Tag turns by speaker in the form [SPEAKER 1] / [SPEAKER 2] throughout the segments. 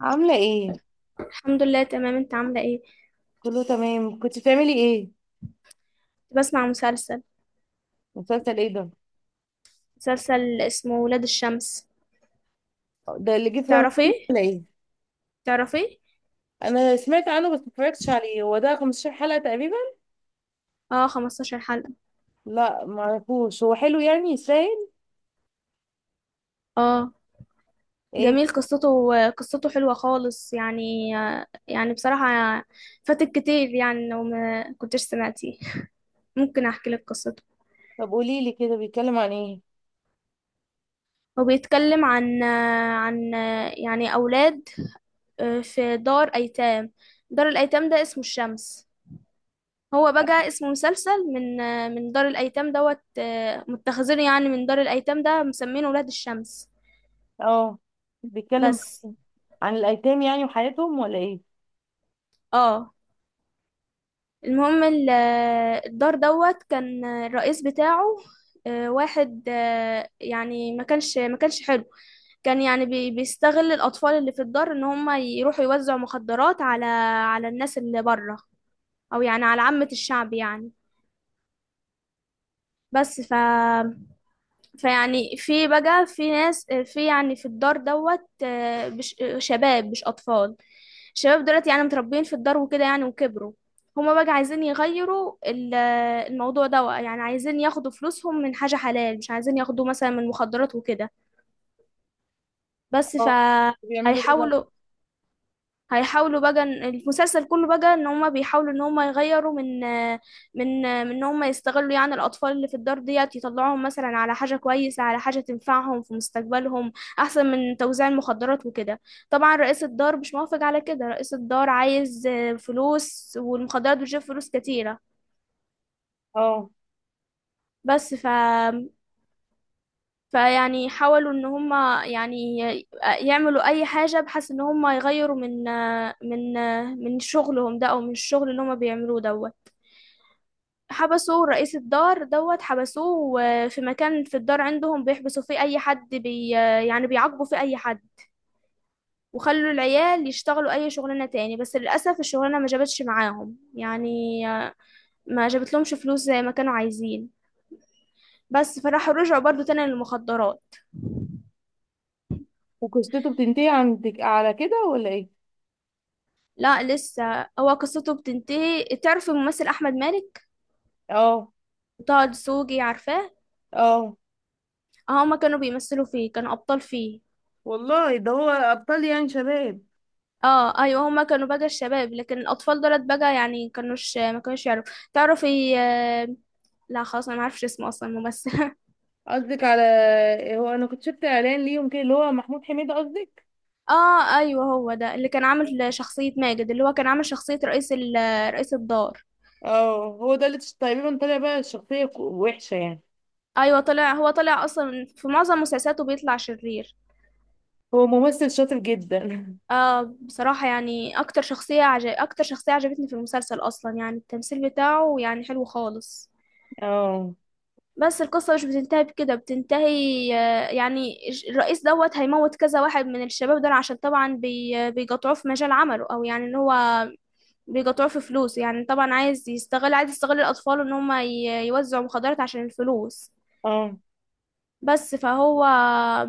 [SPEAKER 1] عاملة ايه؟
[SPEAKER 2] الحمد لله، تمام. انت عاملة ايه؟
[SPEAKER 1] كله تمام، كنت بتعملي ايه؟
[SPEAKER 2] كنت بسمع مسلسل.
[SPEAKER 1] مسلسل ايه ده؟
[SPEAKER 2] مسلسل اسمه ولاد الشمس.
[SPEAKER 1] ده اللي جه في
[SPEAKER 2] تعرفي
[SPEAKER 1] رمضان ولا ايه؟
[SPEAKER 2] تعرفي.
[SPEAKER 1] انا سمعت عنه بس متفرجتش عليه، هو ده 15 حلقة تقريبا؟
[SPEAKER 2] اه، 15 حلقة.
[SPEAKER 1] لا معرفوش، هو حلو يعني يستاهل؟
[SPEAKER 2] اه،
[SPEAKER 1] ايه؟
[SPEAKER 2] جميل قصته. قصته حلوة خالص، يعني يعني بصراحة. فاتك كتير، يعني لو ما كنتش سمعتيه. ممكن احكي لك قصته.
[SPEAKER 1] طب قوليلي كده، بيتكلم عن ايه؟
[SPEAKER 2] هو بيتكلم عن يعني اولاد، في دار ايتام. دار الايتام ده اسمه الشمس. هو بقى اسمه مسلسل من دار الايتام دوت، متخذين يعني من دار الايتام ده، مسمينه ولاد الشمس.
[SPEAKER 1] اه، بيتكلم
[SPEAKER 2] بس.
[SPEAKER 1] عن إيه؟ عن الايتام يعني وحياتهم ولا ايه؟
[SPEAKER 2] اه. المهم الدار دوت كان الرئيس بتاعه واحد، يعني ما كانش حلو. كان يعني بيستغل الاطفال اللي في الدار، ان هم يروحوا يوزعوا مخدرات على الناس اللي بره، او يعني على عامة الشعب يعني. بس. فيعني في بقى في ناس، في يعني في الدار دوت، شباب مش أطفال. الشباب دولت يعني متربيين في الدار، وكده يعني وكبروا. هما بقى عايزين يغيروا الموضوع ده، يعني عايزين ياخدوا فلوسهم من حاجة حلال، مش عايزين ياخدوا مثلا من مخدرات وكده. بس
[SPEAKER 1] اه، بيعملوا ايه بقى؟
[SPEAKER 2] فهيحاولوا. هيحاولوا بقى إن- المسلسل كله بقى ان هما بيحاولوا ان هما يغيروا من ان هما يستغلوا يعني الاطفال اللي في الدار ديت، يطلعوهم مثلا على حاجة كويسة، على حاجة تنفعهم في مستقبلهم، احسن من توزيع المخدرات وكده. طبعا رئيس الدار مش موافق على كده. رئيس الدار عايز فلوس، والمخدرات بتجيب فلوس كتيرة.
[SPEAKER 1] اه،
[SPEAKER 2] بس. فيعني حاولوا ان هما يعني يعملوا اي حاجة، بحيث ان هما يغيروا من من شغلهم ده، او من الشغل اللي هما بيعملوه ده. حبسوا رئيس الدار دوت، حبسوه في مكان في الدار عندهم بيحبسوا فيه اي حد، بي آه، يعني بيعاقبوا فيه اي حد. وخلوا العيال يشتغلوا اي شغلانة تاني، بس للأسف الشغلانة ما جابتش معاهم يعني. آه، ما جابتلهمش فلوس زي ما كانوا عايزين. بس فراحوا رجعوا برضو تاني للمخدرات.
[SPEAKER 1] وقصته بتنتهي عندك على كده ولا ايه؟
[SPEAKER 2] لا، لسه. هو قصته بتنتهي. تعرف الممثل أحمد مالك،
[SPEAKER 1] اه،
[SPEAKER 2] طه دسوقي، عارفاه.
[SPEAKER 1] اه،
[SPEAKER 2] هما كانوا بيمثلوا فيه، كانوا أبطال فيه.
[SPEAKER 1] والله ده هو ابطال يعني شباب.
[SPEAKER 2] اه، ايوه. هما كانوا بقى الشباب، لكن الاطفال دولت بقى يعني ما كانوش يعرفوا تعرفي. لا خلاص. انا ما اعرفش اسمه اصلا الممثل
[SPEAKER 1] قصدك على هو انا كنت شفت اعلان ليهم كده اللي هو محمود حميدة قصدك.
[SPEAKER 2] اه، ايوه. هو ده اللي كان عامل شخصية ماجد، اللي هو كان عامل شخصية رئيس رئيس الدار.
[SPEAKER 1] اه، هو ده اللي تقريبا طالع بقى الشخصية وحشة يعني.
[SPEAKER 2] ايوه، طلع. هو طلع اصلا في معظم مسلسلاته بيطلع شرير.
[SPEAKER 1] هو ممثل شاطر جدا.
[SPEAKER 2] اه، بصراحة يعني اكتر شخصية عجبتني في المسلسل اصلا. يعني التمثيل بتاعه يعني حلو خالص.
[SPEAKER 1] اه،
[SPEAKER 2] بس القصة مش بتنتهي بكده، بتنتهي يعني الرئيس دوت هيموت كذا واحد من الشباب دول، عشان طبعا بيقطعوه في مجال عمله، او يعني ان هو بيقطعوه في فلوس. يعني طبعا عايز يستغل الاطفال ان هم يوزعوا مخدرات عشان الفلوس.
[SPEAKER 1] اه،
[SPEAKER 2] بس فهو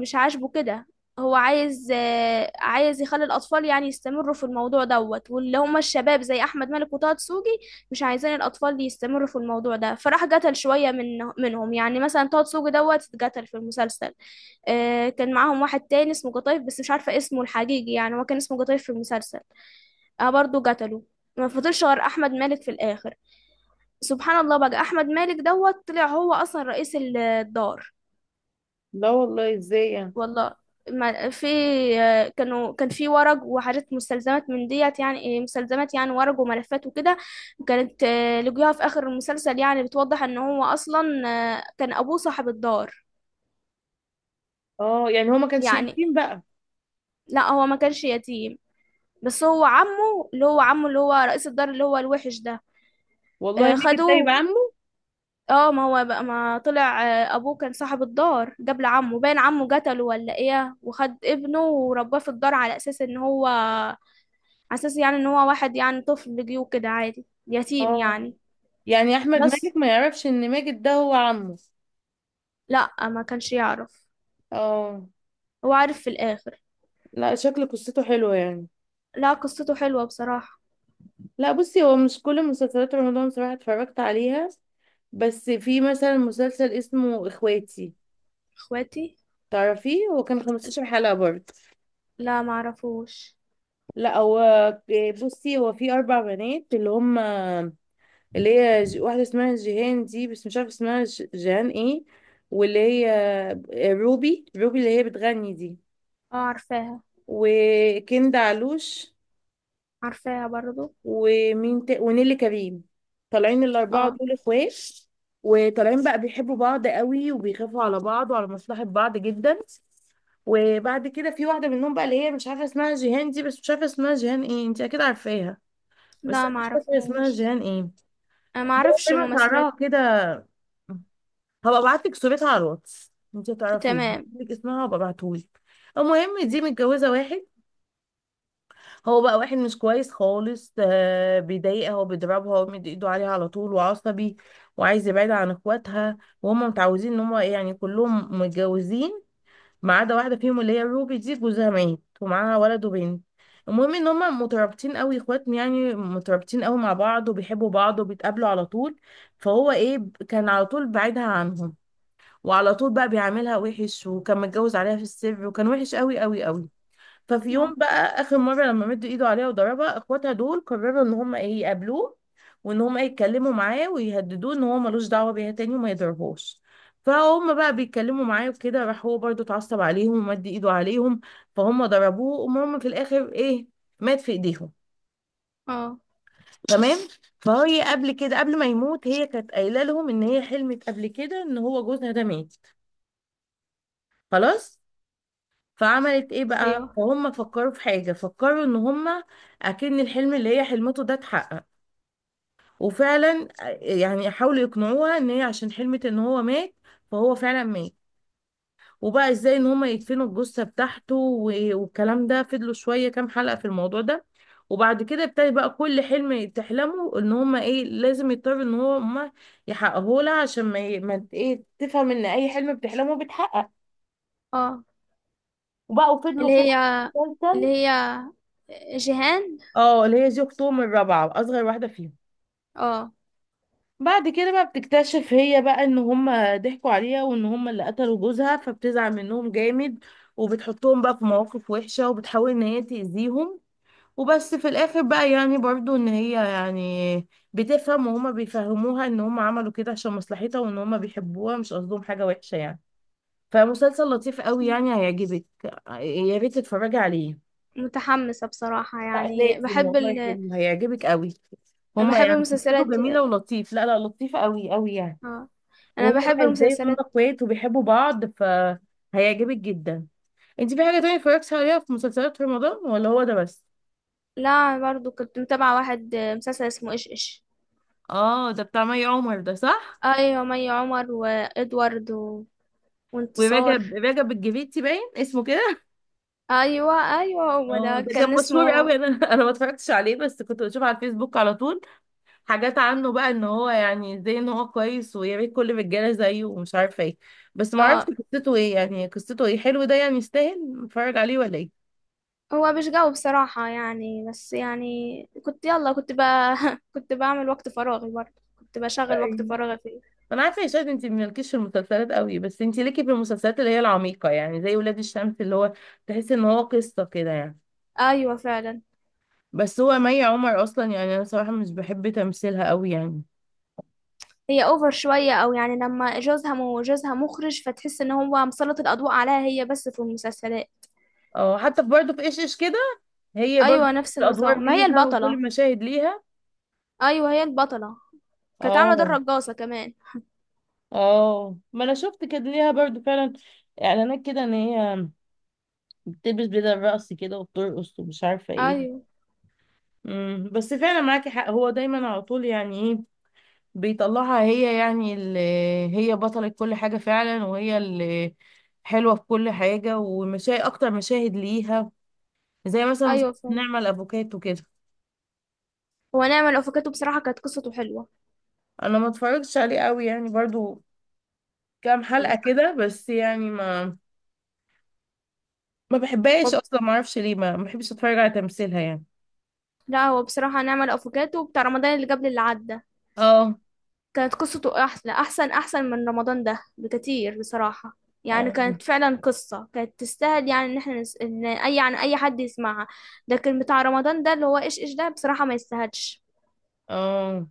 [SPEAKER 2] مش عاجبه كده. هو عايز يخلي الأطفال يعني يستمروا في الموضوع دوت، واللي هم الشباب زي أحمد مالك وطه دسوقي، مش عايزين الأطفال يستمروا في الموضوع ده. فراح قتل شوية منهم. يعني مثلا طه دسوقي دوت اتقتل في المسلسل. كان معاهم واحد تاني اسمه قطايف، بس مش عارفة اسمه الحقيقي، يعني هو كان اسمه قطايف في المسلسل. اه، برضه قتله. ما فضلش غير أحمد مالك في الآخر. سبحان الله بقى، أحمد مالك دوت طلع هو أصلا رئيس الدار.
[SPEAKER 1] لا والله ازاي يعني.
[SPEAKER 2] والله ما في، كان في ورق وحاجات، مستلزمات من ديت، يعني مستلزمات يعني ورق وملفات وكده. كانت لقوها في آخر المسلسل، يعني بتوضح ان هو اصلا كان ابوه صاحب الدار.
[SPEAKER 1] اه، يعني هو ما كانش
[SPEAKER 2] يعني
[SPEAKER 1] يتيم بقى.
[SPEAKER 2] لا، هو ما كانش يتيم. بس هو عمه، اللي هو عمه اللي هو رئيس الدار اللي هو الوحش ده.
[SPEAKER 1] والله ماجد ده
[SPEAKER 2] خدوه.
[SPEAKER 1] يبقى عمه.
[SPEAKER 2] اه، ما هو بقى ما طلع ابوه كان صاحب الدار قبل عمه، باين عمه قتله ولا ايه، وخد ابنه ورباه في الدار على اساس ان هو، على اساس يعني ان هو واحد يعني طفل جه كده عادي يتيم
[SPEAKER 1] اه،
[SPEAKER 2] يعني.
[SPEAKER 1] يعني احمد
[SPEAKER 2] بس
[SPEAKER 1] ماجد ما يعرفش ان ماجد ده هو عمه.
[SPEAKER 2] لا، ما كانش يعرف.
[SPEAKER 1] اه،
[SPEAKER 2] هو عارف في الاخر.
[SPEAKER 1] لا، شكل قصته حلوة يعني.
[SPEAKER 2] لا، قصته حلوة بصراحة.
[SPEAKER 1] لا، بصي، هو مش كل مسلسلات رمضان صراحة اتفرجت عليها، بس في مثلا مسلسل اسمه اخواتي،
[SPEAKER 2] اخواتي.
[SPEAKER 1] تعرفيه؟ هو كان 15 حلقة برضه.
[SPEAKER 2] لا، ما اعرفوش.
[SPEAKER 1] لا، هو بصي هو في أربع بنات اللي هم، اللي هي واحدة اسمها جيهان دي، بس مش عارفة اسمها جيهان ايه، واللي هي روبي اللي هي بتغني دي،
[SPEAKER 2] اه، عارفاها.
[SPEAKER 1] وكندا علوش،
[SPEAKER 2] عارفاها برضو.
[SPEAKER 1] ومين ونيلي كريم. طالعين الأربعة
[SPEAKER 2] اه،
[SPEAKER 1] دول اخوات، وطالعين بقى بيحبوا بعض قوي وبيخافوا على بعض وعلى مصلحة بعض جدا. وبعد كده في واحده منهم بقى اللي هي مش عارفه اسمها جيهان دي، بس مش عارفه اسمها جيهان ايه، انت اكيد عارفاها. بس
[SPEAKER 2] لا،
[SPEAKER 1] انا
[SPEAKER 2] ما
[SPEAKER 1] مش فاكره اسمها
[SPEAKER 2] اعرفهاش.
[SPEAKER 1] جيهان ايه، اللي
[SPEAKER 2] انا ما
[SPEAKER 1] هي
[SPEAKER 2] اعرفش
[SPEAKER 1] دايما شعرها
[SPEAKER 2] ممثلات.
[SPEAKER 1] كده. هبقى ابعت لك صورتها على الواتس، انت تعرفيه.
[SPEAKER 2] تمام.
[SPEAKER 1] لك اسمها هبقى ابعتهولك. المهم دي متجوزه واحد. هو بقى واحد مش كويس خالص، بيضايقها وبيضربها ومد ايده عليها على طول وعصبي، وعايز يبعدها عن اخواتها. وهم متعودين ان هم يعني كلهم متجوزين، ما عدا واحده فيهم اللي هي روبي دي، جوزها مات ومعاها ولد وبنت. المهم ان هما مترابطين قوي اخواتهم، يعني مترابطين قوي مع بعض وبيحبوا بعض وبيتقابلوا على طول. فهو ايه كان على طول بعيدها عنهم، وعلى طول بقى بيعاملها وحش وكان متجوز عليها في السر وكان وحش قوي قوي قوي. ففي يوم
[SPEAKER 2] اه،
[SPEAKER 1] بقى اخر مره لما مد ايده عليها وضربها اخواتها دول قرروا ان هم ايه يقابلوه، وان هم إيه يتكلموا معاه ويهددوه ان هو ملوش دعوه بيها تاني وما يضربهاش. فهم بقى بيتكلموا معاه وكده، راح هو برضو اتعصب عليهم ومد ايده عليهم. فهم ضربوه وهم في الاخر ايه، مات في ايديهم.
[SPEAKER 2] اه،
[SPEAKER 1] تمام. فهي قبل كده، قبل ما يموت، هي كانت قايله لهم ان هي حلمت قبل كده ان هو جوزها ده مات. خلاص. فعملت ايه بقى،
[SPEAKER 2] ايوه.
[SPEAKER 1] فهم فكروا في حاجة، فكروا ان هم اكن الحلم اللي هي حلمته ده اتحقق. وفعلا، يعني حاولوا يقنعوها ان هي عشان حلمت ان هو مات، فهو فعلا مات. وبقى ازاي ان هم يدفنوا الجثة بتاعته والكلام ده، فضلوا شوية كام حلقة في الموضوع ده. وبعد كده ابتدى بقى كل حلم تحلمه ان هم ايه لازم يضطروا ان هو هم يحققوه لها، عشان ما, ي- ما ت- ايه تفهم ان اي حلم بتحلمه بيتحقق.
[SPEAKER 2] اه،
[SPEAKER 1] وبقوا فضلوا
[SPEAKER 2] اللي هي اللي
[SPEAKER 1] كده.
[SPEAKER 2] هي جيهان.
[SPEAKER 1] اه، اللي هي دي اختهم الرابعة اصغر واحدة فيهم.
[SPEAKER 2] اه،
[SPEAKER 1] بعد كده بقى بتكتشف هي بقى ان هما ضحكوا عليها وان هما اللي قتلوا جوزها، فبتزعل منهم جامد وبتحطهم بقى في مواقف وحشة وبتحاول ان هي تأذيهم. وبس في الاخر بقى يعني برضو ان هي يعني بتفهم، وهما بيفهموها ان هما عملوا كده عشان مصلحتها وان هما بيحبوها مش قصدهم حاجة وحشة يعني. فمسلسل لطيف قوي، يعني هيعجبك، يا ريت تتفرجي عليه.
[SPEAKER 2] متحمسة بصراحة.
[SPEAKER 1] لا
[SPEAKER 2] يعني
[SPEAKER 1] لازم
[SPEAKER 2] بحب
[SPEAKER 1] والله، حلو هيعجبك قوي. هما
[SPEAKER 2] بحب
[SPEAKER 1] يعني قصته
[SPEAKER 2] المسلسلات.
[SPEAKER 1] جميلة ولطيف، لا لا، لطيفة قوي قوي يعني.
[SPEAKER 2] اه، انا
[SPEAKER 1] وهم
[SPEAKER 2] بحب
[SPEAKER 1] بقى ازاي هما
[SPEAKER 2] المسلسلات.
[SPEAKER 1] اخوات وبيحبوا بعض فهيعجبك جدا. انت في حاجة تانية اتفرجتي عليها في مسلسلات رمضان ولا هو ده بس؟
[SPEAKER 2] لا، أنا برضو كنت متابعة واحد، مسلسل اسمه ايش ايش.
[SPEAKER 1] اه، ده بتاع مي عمر ده، صح؟
[SPEAKER 2] ايوه، مي عمر وادوارد وانتصار.
[SPEAKER 1] ورجب رجب الجريتي باين اسمه كده.
[SPEAKER 2] ايوه، ايوه. هو
[SPEAKER 1] اه،
[SPEAKER 2] ده
[SPEAKER 1] ده كان
[SPEAKER 2] كان
[SPEAKER 1] مشهور
[SPEAKER 2] اسمه.
[SPEAKER 1] قوي، انا انا ما اتفرجتش عليه، بس كنت بشوف على الفيسبوك على طول حاجات عنه بقى ان هو يعني زي ان هو كويس ويا ريت كل الرجاله زيه ومش عارفه ايه. بس ما اعرفش
[SPEAKER 2] اه،
[SPEAKER 1] قصته ايه، يعني قصته ايه، حلو ده يعني يستاهل نتفرج عليه ولا ايه؟
[SPEAKER 2] هو مش جاوب بصراحة يعني. بس يعني كنت، يلا كنت كنت بعمل وقت فراغي برضه. كنت بشغل وقت
[SPEAKER 1] أيوة.
[SPEAKER 2] فراغي فيه.
[SPEAKER 1] انا عارفه يا شاهد انت مالكيش في المسلسلات قوي، بس انت ليكي في المسلسلات اللي هي العميقه، يعني زي ولاد الشمس، اللي هو تحس ان هو قصه كده يعني.
[SPEAKER 2] ايوه، فعلا.
[SPEAKER 1] بس هو مي عمر اصلا يعني انا صراحه مش بحب تمثيلها قوي يعني.
[SPEAKER 2] هي اوفر شوية، او يعني لما جوزها، مو جوزها مخرج، فتحس ان هو مسلط الاضواء عليها هي بس في المسلسلات.
[SPEAKER 1] اه، حتى في برضه في ايش ايش كده، هي برضه
[SPEAKER 2] ايوه، نفس النظام،
[SPEAKER 1] الادوار
[SPEAKER 2] ما هي
[SPEAKER 1] ليها وكل
[SPEAKER 2] البطلة.
[SPEAKER 1] المشاهد ليها.
[SPEAKER 2] ايوه، هي البطله. كانت عامله دور
[SPEAKER 1] اه،
[SPEAKER 2] رقاصه كمان.
[SPEAKER 1] اه، ما انا شفت كان ليها برضو فعلا اعلانات كده ان هي بتلبس بدل الرقص كده وبترقص ومش عارفه ايه.
[SPEAKER 2] ايوه،
[SPEAKER 1] بس فعلا معاكي حق، هو دايما على طول يعني ايه، بيطلعها هي يعني، اللي هي بطلة كل حاجه فعلا وهي اللي حلوه في كل حاجه، ومشاهد اكتر مشاهد ليها، زي مثلا مسلسل
[SPEAKER 2] ايوه، فعلا.
[SPEAKER 1] نعمل افوكاتو كده.
[SPEAKER 2] هو نعمل الافوكاتو بصراحه كانت قصته حلوه.
[SPEAKER 1] انا ما اتفرجتش عليه قوي يعني، برضو كام حلقه كده بس يعني، ما بحبهاش
[SPEAKER 2] هو-
[SPEAKER 1] اصلا، ما اعرفش ليه، ما بحبش اتفرج على تمثيلها يعني.
[SPEAKER 2] لا، هو بصراحه نعمل الافوكاتو بتاع رمضان اللي قبل اللي عدى
[SPEAKER 1] اه،
[SPEAKER 2] كانت قصته احلى. احسن من رمضان ده بكتير بصراحه. يعني
[SPEAKER 1] اه،
[SPEAKER 2] كانت فعلا قصه كانت تستاهل. يعني ان احنا ان اي حد يسمعها. لكن بتاع رمضان ده اللي هو ايش ايش ده بصراحه ما يستاهلش.
[SPEAKER 1] اه،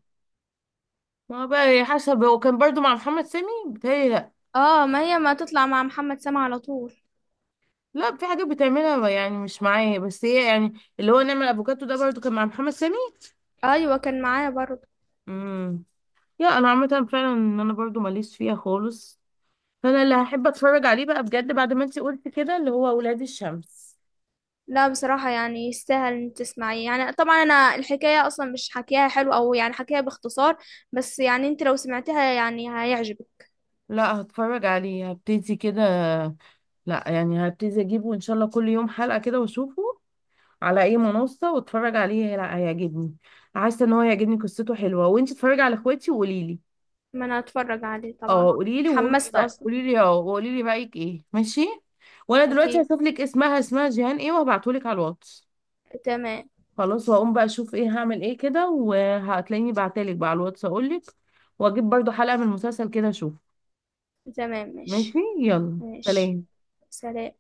[SPEAKER 1] ما هو بقى هي حسب هو كان برضو مع محمد سامي بتهيألي، لا.
[SPEAKER 2] اه، ما هي ما تطلع مع محمد سامع على طول.
[SPEAKER 1] لا، في حاجات بتعملها يعني مش معايا، بس هي يعني، اللي هو نعمل افوكاتو ده برضو كان مع محمد سامي.
[SPEAKER 2] ايوه، كان معايا برضه.
[SPEAKER 1] امم يا انا عامه فعلا ان انا برضو ماليش فيها خالص، فانا اللي هحب اتفرج عليه بقى بجد بعد ما انتي قلتي كده، اللي هو ولاد الشمس.
[SPEAKER 2] لا، بصراحة يعني يستاهل ان تسمعيه. يعني طبعا انا الحكاية اصلا مش حكيها حلو، او يعني حكيها باختصار، بس يعني انت لو سمعتها يعني هيعجبك.
[SPEAKER 1] لا، هتفرج عليه، هبتدي كده، لا يعني هبتدي اجيبه ان شاء الله كل يوم حلقه كده واشوفه، على اي منصة واتفرج عليه. هيعجبني، حاسة ان هو هيعجبني، قصته حلوة، وانتي اتفرجي على اخواتي وقولي لي.
[SPEAKER 2] ما انا اتفرج عليه طبعا.
[SPEAKER 1] اه، قولي لي، وقولي لي
[SPEAKER 2] اتحمست
[SPEAKER 1] بقى،
[SPEAKER 2] اصلا.
[SPEAKER 1] قولي لي، اه، وقولي لي رأيك ايه، ماشي. وانا دلوقتي
[SPEAKER 2] اكيد.
[SPEAKER 1] هشوف لك اسمها جيهان ايه وهبعتهولك على الواتس.
[SPEAKER 2] تمام.
[SPEAKER 1] خلاص، وهقوم بقى اشوف ايه هعمل ايه كده، وهتلاقيني بعتلك بقى على الواتس اقولك، واجيب برضو حلقة من المسلسل كده اشوف.
[SPEAKER 2] تمام،
[SPEAKER 1] ماشي،
[SPEAKER 2] ماشي.
[SPEAKER 1] يلا،
[SPEAKER 2] ماشي.
[SPEAKER 1] سلام.
[SPEAKER 2] سلام.